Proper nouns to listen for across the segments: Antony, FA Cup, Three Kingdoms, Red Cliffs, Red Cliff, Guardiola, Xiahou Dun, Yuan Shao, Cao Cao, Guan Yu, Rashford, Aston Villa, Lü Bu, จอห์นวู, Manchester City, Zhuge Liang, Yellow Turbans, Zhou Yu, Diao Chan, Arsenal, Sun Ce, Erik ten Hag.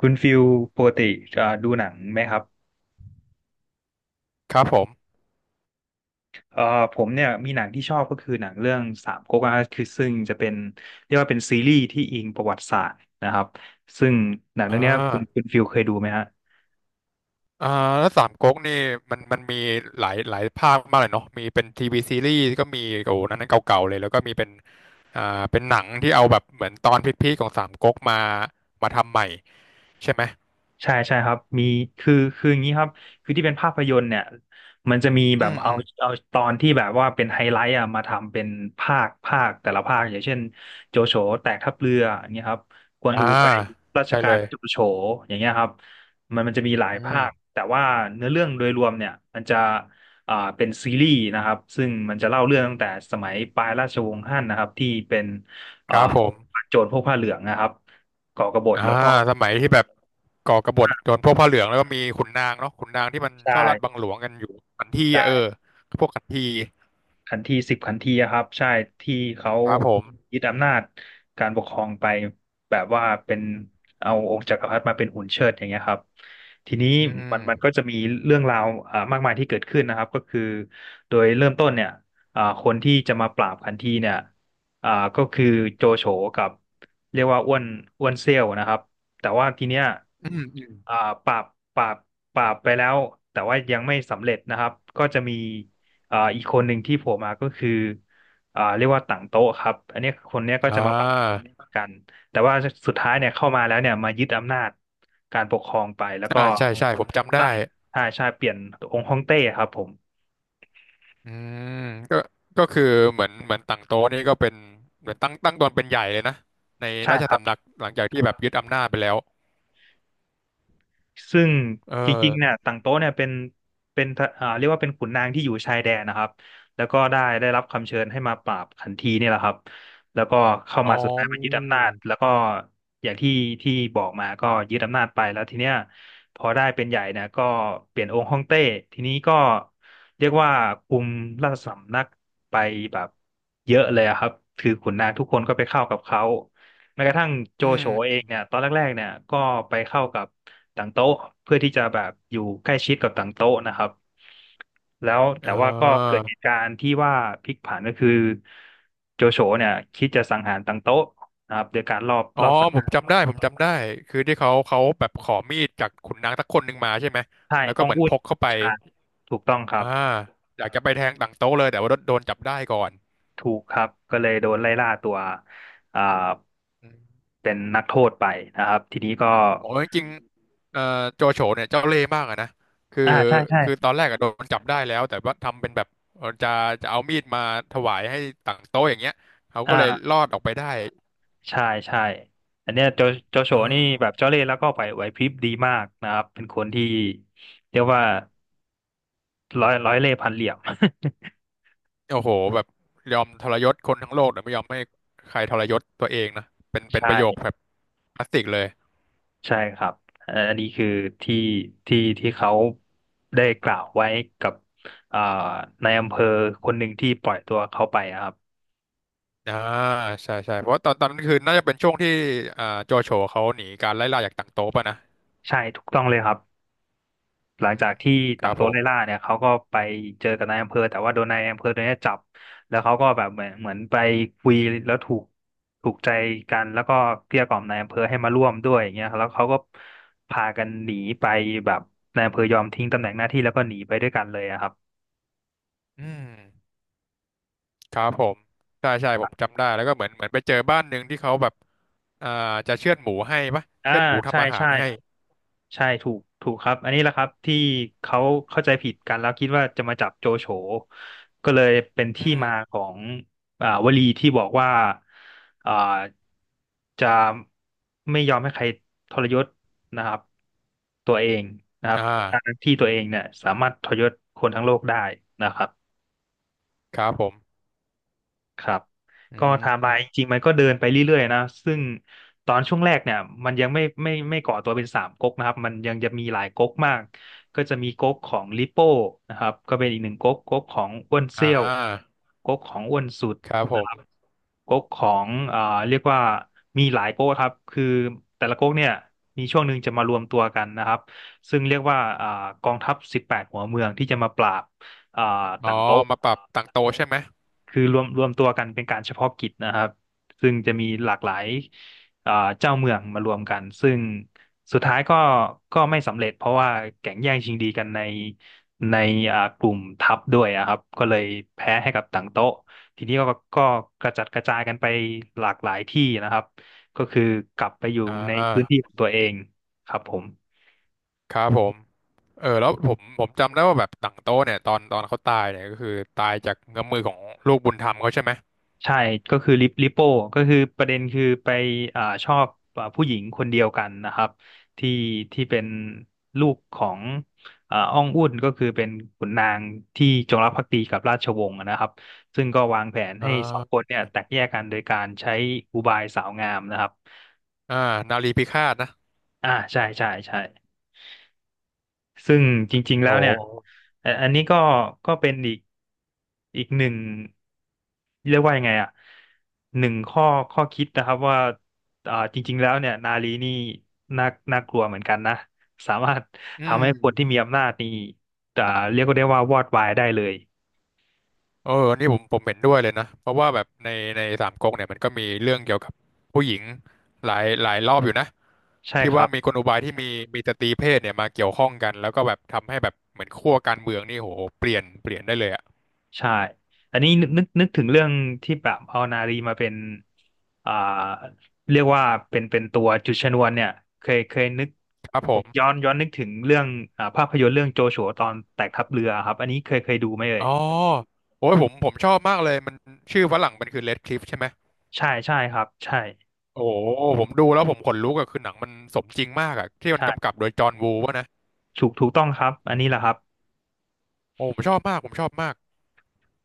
คุณฟิลปกติดูหนังไหมครับครับผมเอ่อผมเนี่ยมีหนังที่ชอบก็คือหนังเรื่องสามก๊กนะครับคือซึ่งจะเป็นเรียกว่าเป็นซีรีส์ที่อิงประวัติศาสตร์นะครับซึ่งหนังอ่เรื่องเนี้ยคุณาฟิลเคยดูไหมฮะ อ่าแล้วสามก๊กนี่มันมีหลายภาคมากเลยเนาะมีเป็นทีวีซีรีส์ก็มีโอ้โหนั้นเก่าๆเลยแล้วก็มีเป็นอ่าเป็นหนังที่เอาแบบเหมือนตอนพีคๆของสามก๊กมามาทำใหม่ใช่ไหมใช่ใช่ครับมีคืออย่างนี้ครับคือที่เป็นภาพยนตร์เนี่ยมันจะมีอืแบบมเอาอืมเอาตอนที่แบบว่าเป็นไฮไลท์อะมาทำเป็นภาคแต่ละภาคอย่างเช่นโจโฉแตกทัพเรืออย่างเงี้ยครับกวนอ่าอูไปราชใช่กาเลรยโจโฉอย่างเงี้ยครับมันจะมีหลายอืภาคมแต่ว่าเนื้อเรื่องโดยรวมเนี่ยมันจะเป็นซีรีส์นะครับซึ่งมันจะเล่าเรื่องตั้งแต่สมัยปลายราชวงศ์ฮั่นนะครับที่เป็นคอ่ารับผมโจรพวกผ้าเหลืองนะครับก่อกบฏอ่าแล้วก็สมัยที่แบบก่อกบฏโดนพวกผ้าเหลืองแล้วก็มีขุนนางเนาะขุนนางที่มันชอบลัดบัใช่ งหลวงกันอยู่ขันทีอะเออพวกขันทีขันทีสิบขันทีอะครับใช่ที่เขาครับผมยึดอำนาจการปกครองไปแบบว่าเป็นเอาองค์จักรพรรดิมาเป็นหุ่นเชิดอย่างเงี้ยครับทีนี้อืมันก็มจะมีเรื่องราวมากมายที่เกิดขึ้นนะครับก็คือโดยเริ่มต้นเนี่ยคนที่จะมาปราบขันทีเนี่ยอ่าก็คือโจโฉกับเรียกว่าอ้วนอ้วนเซี่ยวนะครับแต่ว่าทีเนี้ยอืมอืมอ่าปราบปราบปราบไปแล้วแต่ว่ายังไม่สำเร็จนะครับก็จะมี อีกคนหนึ่งที่โผล่มาก็คือเรียกว่าต่างโต๊ะครับอันเนี้ยคนเนี้ยก็อ่จะมาปะา กันแต่ว่าสุดท้ายเนี่ยเข้ามาแล้วเนี่ยมายึดอำนาจการปกครองไปแล้วก็อ่าใช่ใช่ผมจำได้ตั้งใช่ใช่เปลี่ยนองค์ฮ่องเต้ครับผมอืมก็ก็คือเหมือนตั้งโต๊ะนี่ก็เป็นเหมือนตั้งตนเป็นใหญ่เลยนะในใช่ราชครัสำบ นักหลังจากที่แบบยึดอำนาจไปแล้วซึ่งเอจริงๆเนี่ยอต่างโต๊ะเนี่ยเป็นเรียกว่าเป็นขุนนางที่อยู่ชายแดนนะครับแล้วก็ได้รับคำเชิญให้มาปราบขันทีนี่แหละครับแล้วก็เข้าอ๋อมาสุดท้ายมายึดอำนาจแล้วก็อย่างที่ที่บอกมาก็ยึดอำนาจไปแล้วทีเนี้ยพอได้เป็นใหญ่เนี่ยก็เปลี่ยนองค์ฮ่องเต้ทีนี้ก็เรียกว่าคุมราชสำนักไปแบบเยอะเลยอะครับคือขุนนางทุกคนก็ไปเข้ากับเขา แม้กระทั่งโจอืโฉมเองเนี่ยตอนแรกๆเนี่ยก็ไปเข้ากับต่างโต๊ะเพื่อที่จะแบบอยู่ใกล้ชิดกับต่างโต๊ะนะครับแล้วแต่เอว่าก็เกิอดเหตุการณ์ที่ว่าพลิกผันก็คือโจโฉเนี่ยคิดจะสังหารต่างโต๊ะนะครับโดยการรอบอ๋อรอบสังผหามรจำได้ผมจำได้คือที่เขาแบบขอมีดจากขุนนางสักคนหนึ่งมาใช่ไหมใช่แล้วก็อ้องเหมือนอุ่พนกเข้าไปใชาถูกต้องครัอ่าบอยากจะไปแทงตั้งโต๊ะเลยแต่ว่าโดนจับได้ก่อน ถูกครับก็เลยโดนไล่ล่าตัวอ่าเป็นนักโทษไปนะครับทีนี้ก็โอ้ยจริงๆโจโฉเนี่ยเจ้าเล่ห์มากอะนะคืออ่าใช่คือใช่ตอนแรกอะโดนจับได้แล้วแต่ว่าทำเป็นแบบเอ่อจะจะเอามีดมาถวายให้ต่างโต๊ะอย่างเงี้ยเขาก็เลยรอ่า อดออกไปได้ใช่ใช่ อันเนี้ยโจโฉอ่นี่แบบาเจ้าเล่ห์แล้วก็ไหวพริบดีมากนะครับ เป็นคนที่เรียกว่าร้อยเล่ห์พันเหลี่ยม โอ้โหแบบยอมทรยศคนทั้งโลกแต่ไม่ยอมให้ใครทรยศตัวเองนะเป็น เป็นใช่ประโยคแบบคลาสสิกเลยใช่ครับอันนี้คือที่ที่เขาได้กล่าวไว้กับอ่าในายอำเภอคนหนึ่งที่ปล่อยตัวเขาไปอะครับ อ่าใช่ใช่เพราะว่าตอนนั้นคือน่าจะเป็นช่วงที่อ่าโจโฉเขาหนีการไล่ล่าจากต่างโต๊ะป่ะนะใช่ถูกต้องเลยครับ หลังอืจามกที่คต่ารังบตัผวมไล่ล่าเนี่ยเขาก็ไปเจอกับนายอำเภอแต่ว่าโดนนายอำเภอตัวเนี้ยจับแล้วเขาก็แบบเหมือนไปคุยแล้วถูกใจกันแล้วก็เกลี้ยกล่อมนายอำเภอให้มาร่วมด้วยอย่างเงี้ยแล้วเขาก็พากันหนีไปแบบนายอำเภอยอมทิ้งตำแหน่งหน้าที่แล้วก็หนีไปด้วยกันเลยอะครับอืม ครับผมใช่ใช่ผมจำได้แล้วก็เหมือนไปเจอบ้านหนึ่งที่เขาแบบอ่าจะเชือดหมูให้ปะอ่าเชือดหมูใช่ทำอาหาใช่ รให้ใช่ถูกครับอันนี้แหละครับที่เขาเข้าใจผิดกันแล้วคิดว่าจะมาจับโจโฉก็เลยเป็นอืที่มมาของวลีที่บอกว่าอ่าจะไม่ยอมให้ใครทรยศนะครับตัวเองนะครัอ่บทั้างที่ตัวเองเนี่ยสามารถทรยศคนทั้งโลกได้นะครับ ครับผมครับอืก็ไทม์ไลน์จมริงๆมันก็เดินไปเรื่อยๆนะซึ่งตอนช่วงแรกเนี่ยมันยังไม่ไม่ก่อตัวเป็นสามก๊กนะครับมันยังจะมีหลายก๊กมากก็จะมีก๊กของลิโป้นะครับก็เป็นอีกหนึ่งก๊กก๊กของอ้วนอ่เซี่ยวาก๊กของอ้วนสุดครับผมก๊กของเรียกว่ามีหลายก๊กครับคือแต่ละก๊กเนี่ยมีช่วงหนึ่งจะมารวมตัวกันนะครับซึ่งเรียกว่ากองทัพ18หัวเมืองที่จะมาปราบอ่าอ๋อต่างโต๊ มาปรับต่างโตะใช่ไหมคือรวมตัวกันเป็นการเฉพาะกิจนะครับซึ่งจะมีหลากหลายอ่าเจ้าเมืองมารวมกันซึ่งสุดท้ายก็ไม่สำเร็จเพราะว่าแก่งแย่งชิงดีกันในในกลุ่มทัพด้วยอะครับก็เลยแพ้ให้กับต่างโต๊ะทีนี้ก็ก็กระจัดกระจายกันไปหลากหลายที่นะครับก็คือกลับไปอยู่อในพื้น่าที่ของตัวเองครับผม ครับผมเออแล้วผมจำได้ว่าแบบต่างโตะเนี่ยตอนเขาตายเนี่ยก็คือตายจากเงื้อมมือของลูกบุญธรรมเขาใช่ไหมใช่ก็คือลิโป้ก็คือประเด็นคือไปชอบผู้หญิงคนเดียวกันนะครับที่เป็นลูกของอ้องอุ่นก็คือเป็นขุนนางที่จงรักภักดีกับราชวงศ์นะครับซึ่งก็วางแผนอ่ให้สองคนาเนี่ยแตกแยกกันโดยการใช้อุบายสาวงามนะครับอ่านารีพิฆาตนะใช่ใช่ใช่ ซึ่งจริงๆโอแล้วเนี่ย้อันนี้ก็เป็นอีกหนึ่งเรียกว่ายังไงอ่ะหนึ่งข้อคิดนะครับว่าจริงๆแล้วเนี่ยนารีนี่น่ากลัวเหมือนกันนะสามารถอืทำม ให้คนที่มีอำนาจนี่อ่าเรียกได้ว่าวอดวายได้เลยเอออันนี่ผมเห็นด้วยเลยนะ เพราะว่าแบบในในสามก๊กเนี่ยมันก็มีเรื่องเกี่ยวกับผู้หญิงหลายรอบอยู่นะใช่ที่ครัว่าบ มีกลอุบายที่มีสตรีเพศเนี่ยมาเกี่ยวข้องกันแล้วก็แบบทำให้แบบเหมือนขั้วการเมืองนี่โหเปลี่ยนได้เลยอะใช่ อันนี้นึกถึงเรื่องที่แบบเอานารีมาเป็นอ่าเรียกว่าเป็นตัวจุดชนวนเนี่ยเคยนึกครับผผมมย้อนนึกถึงเรื่องภาพยนตร์เรื่องโจชัวตอนแตกทัพเรือครับอันนี้เคยดูไหมเอ่ยอ๋อโอ้ยผมชอบมากเลยมันชื่อฝรั่งมันคือ Red Cliff ใช่ไหมใช่ใช่ครับใช่โอ้โหผมดูแล้วผมขนลุกอะคือหนังมันสมจริงมากอะที่มันใช่กำกับโดยจอห์นวูวะนะถูกต้องครับอันนี้แหละครับโอ้ผมชอบมากผมชอบมาก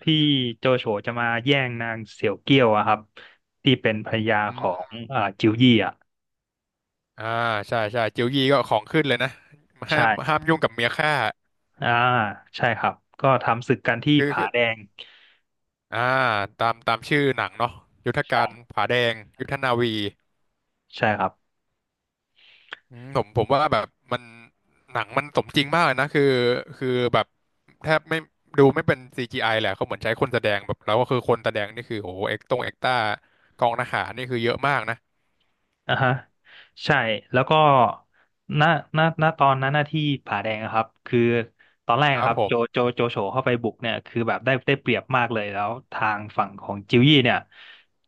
ที่โจโฉจะมาแย่งนางเสี่ยวเกี้ยวอะครับที่เป็นภรรยาของจิวยี่อ่ะอ่าใช่ใช่จิ๋วยีก็ของขึ้นเลยนะห้ามใช่ห้ามยุ่งกับเมียข้าอ่าใช่ครับก็ทำศึกกันที่คือผาคือแดงอ่าตามชื่อหนังเนาะยุทธใชการ่ผาแดงยุทธนาวีใช่ครับ อืมผมว่าแบบมันหนังมันสมจริงมากเลยนะคือแบบแทบไม่ดูไม่เป็น CGI แหละเขาเหมือนใช้คนแสดงแบบแล้วก็คือคนแสดงนี่คือโอ้โหเอ็กตงเอ็กต้ากองทหารนี่คือเยอะมากนะอ่าฮะใช่แล้วก็ณณตอนนั้นหน้าที่ผาแดงอะครับคือตอนแรกคอะรัคบรับผมโจโฉเข้าไปบุกเนี่ยคือแบบได้เปรียบมากเลยแล้วทางฝั่งของจิวยี่เนี่ย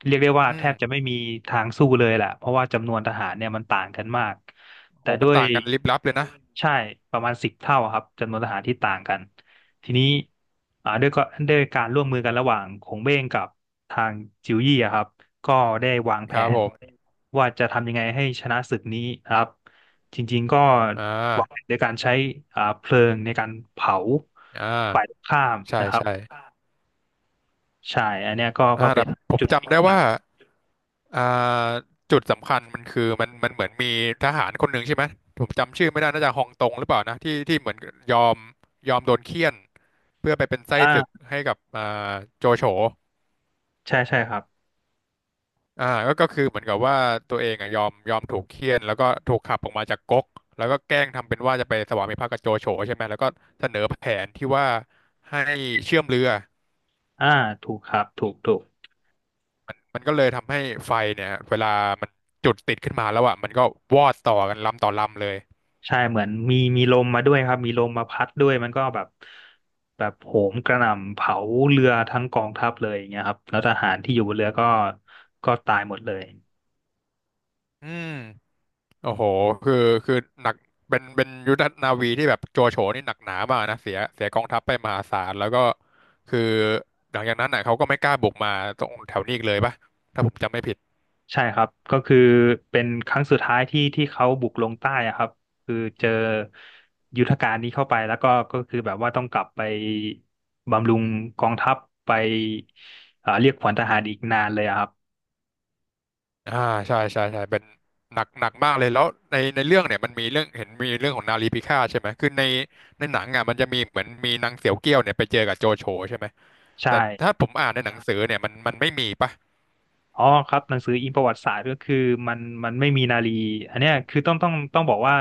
เรียกได้ว่าอืแทมบจะไม่มีทางสู้เลยแหละเพราะว่าจำนวนทหารเนี่ยมันต่างกันมากโหแต่ด้มันวยต่างกันลิบลับเลยนะใช่ประมาณสิบเท่าอะครับจำนวนทหารที่ต่างกัน ทีนี้อ่าด้วยก็ด้วยการร่วมมือกันระหว่างขงเบ้งกับทางจิวยี่อะครับก็ได้วางคแผรับผนมว่าจะทำยังไงให้ชนะศึกนี้นะครับจริงๆก็อ่วางแผนาด้วยการใช้เพลิงในการเผาอ่ฝ่ายตรางข้ามใช่นะครับใช่ใช่อันเนี้ยก็อ่าเป็แต่นผมจุดพลิจำกได้ผัว่า นอ่าจุดสำคัญมันคือมันเหมือนมีทหารคนหนึ่งใช่ไหมผมจำชื่อไม่ได้น่าจะฮองตงหรือเปล่านะที่เหมือนยอมยอมโดนเฆี่ยนเพื่อไปเป็นไส้อ่ศึกาให้กับอ่าโจโฉใช่ใช่ครับอ่าก็ก็คือเหมือนกับว่าตัวเองอ่ะยอมถูกเฆี่ยนแล้วก็ถูกขับออกมาจากก๊กแล้วก็แกล้งทำเป็นว่าจะไปสวามิภักดิ์กับโจโฉใช่ไหมแล้วก็เสนอแผนที่ว่าให้เชื่อมเรืออ่าถูกครับถูก มันก็เลยทำให้ไฟเนี่ยเวลามันจุดติดขึ้นมาแล้วอ่ะมันก็วอดต่อกันลำต่อลำเลยใช่เหมือนมีลมมาด้วยครับมีลมมาพัดด้วยมันก็แบบโหมกระหน่ำเผาเรือทั้งกองทัพเลยอย่างเงี้ยครับแล้วทหารที่อยู่บนเรือก็ตายหมดเลยอืม โอ้โหคือคือหนักเป็นยุทธนาวีที่แบบโจโฉนี่หนักหนามากนะเสียกองทัพไปมหาศาลแล้วก็คือหลังจากนั้นน่ะเขาก็ไม่กล้าบุกมาตรงแถวนี้อีกเลยปะถ้าผมจำไม่ผิดใช่ครับก็คือเป็นครั้งสุดท้ายที่เขาบุกลงใต้อะครับคือเจอยุทธการนี้เข้าไปแล้วก็ก็คือแบบว่าต้องกลับไปบำรุงกองทัพไปเรียกขวัญทหารอีกนานเลยอะครับอ่าใช่ใช่ใช่เป็นหนักมากเลยแล้วในในเรื่องเนี่ยมันมีเรื่องเห็นมีเรื่องของนารีพิฆาตใช่ไหมคือในในหนังอ่ะมันจะมีเหมือนมีนางเสียวเกี้ยวเนี่ยไปเจอกับโจโฉใช่ไหมใช่ แต่ถ้าผมอ่านในหนังสือเนี่ยมัน มันไม่มีปะอ๋อครับหนังสืออิงประวัติศาสตร์ก็คือมันมันไม่มีนารีอันเนี้ยคือต้องบอกว่า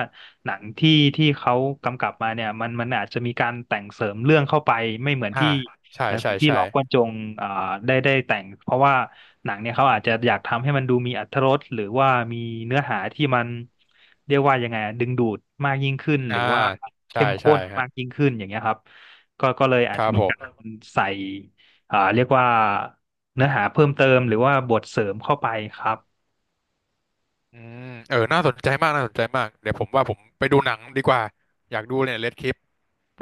หนังที่เขากำกับมาเนี่ยมันอาจจะมีการแต่งเสริมเรื่องเข้าไปไม่เหมือนอ่าที่ใช่หนังใช่สือที่หใช่ลอกกวนจงอ่าได้แต่งเพราะว่าหนังเนี่ยเขาอาจจะอยากทำให้มันดูมีอรรถรสหรือว่ามีเนื้อหาที่มันเรียกว่ายังไงอะดึงดูดมากยิ่งขึ้นหอ่ารือว่าใช่เข้มข้ใช่นฮะมากยิ่งขึ้นอย่างเงี้ยครับก็เลยอาคจจะรับมีผม การใส่เรียกว่า เนื้อหาเพิ่มเติมหรือว่าบทเสริมเข้าไปครับอืมเออ น่าสนใจมาก น่าสนใจมาก เดี๋ยวผมว่าผมไปดูหนังดีกว่า อยากดูเนี่ยเลดคลิป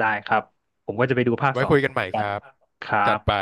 ได้ครับผมก็จะไปดูภาคไว้สองคุยกันใหม่ครับ ครัจับดไป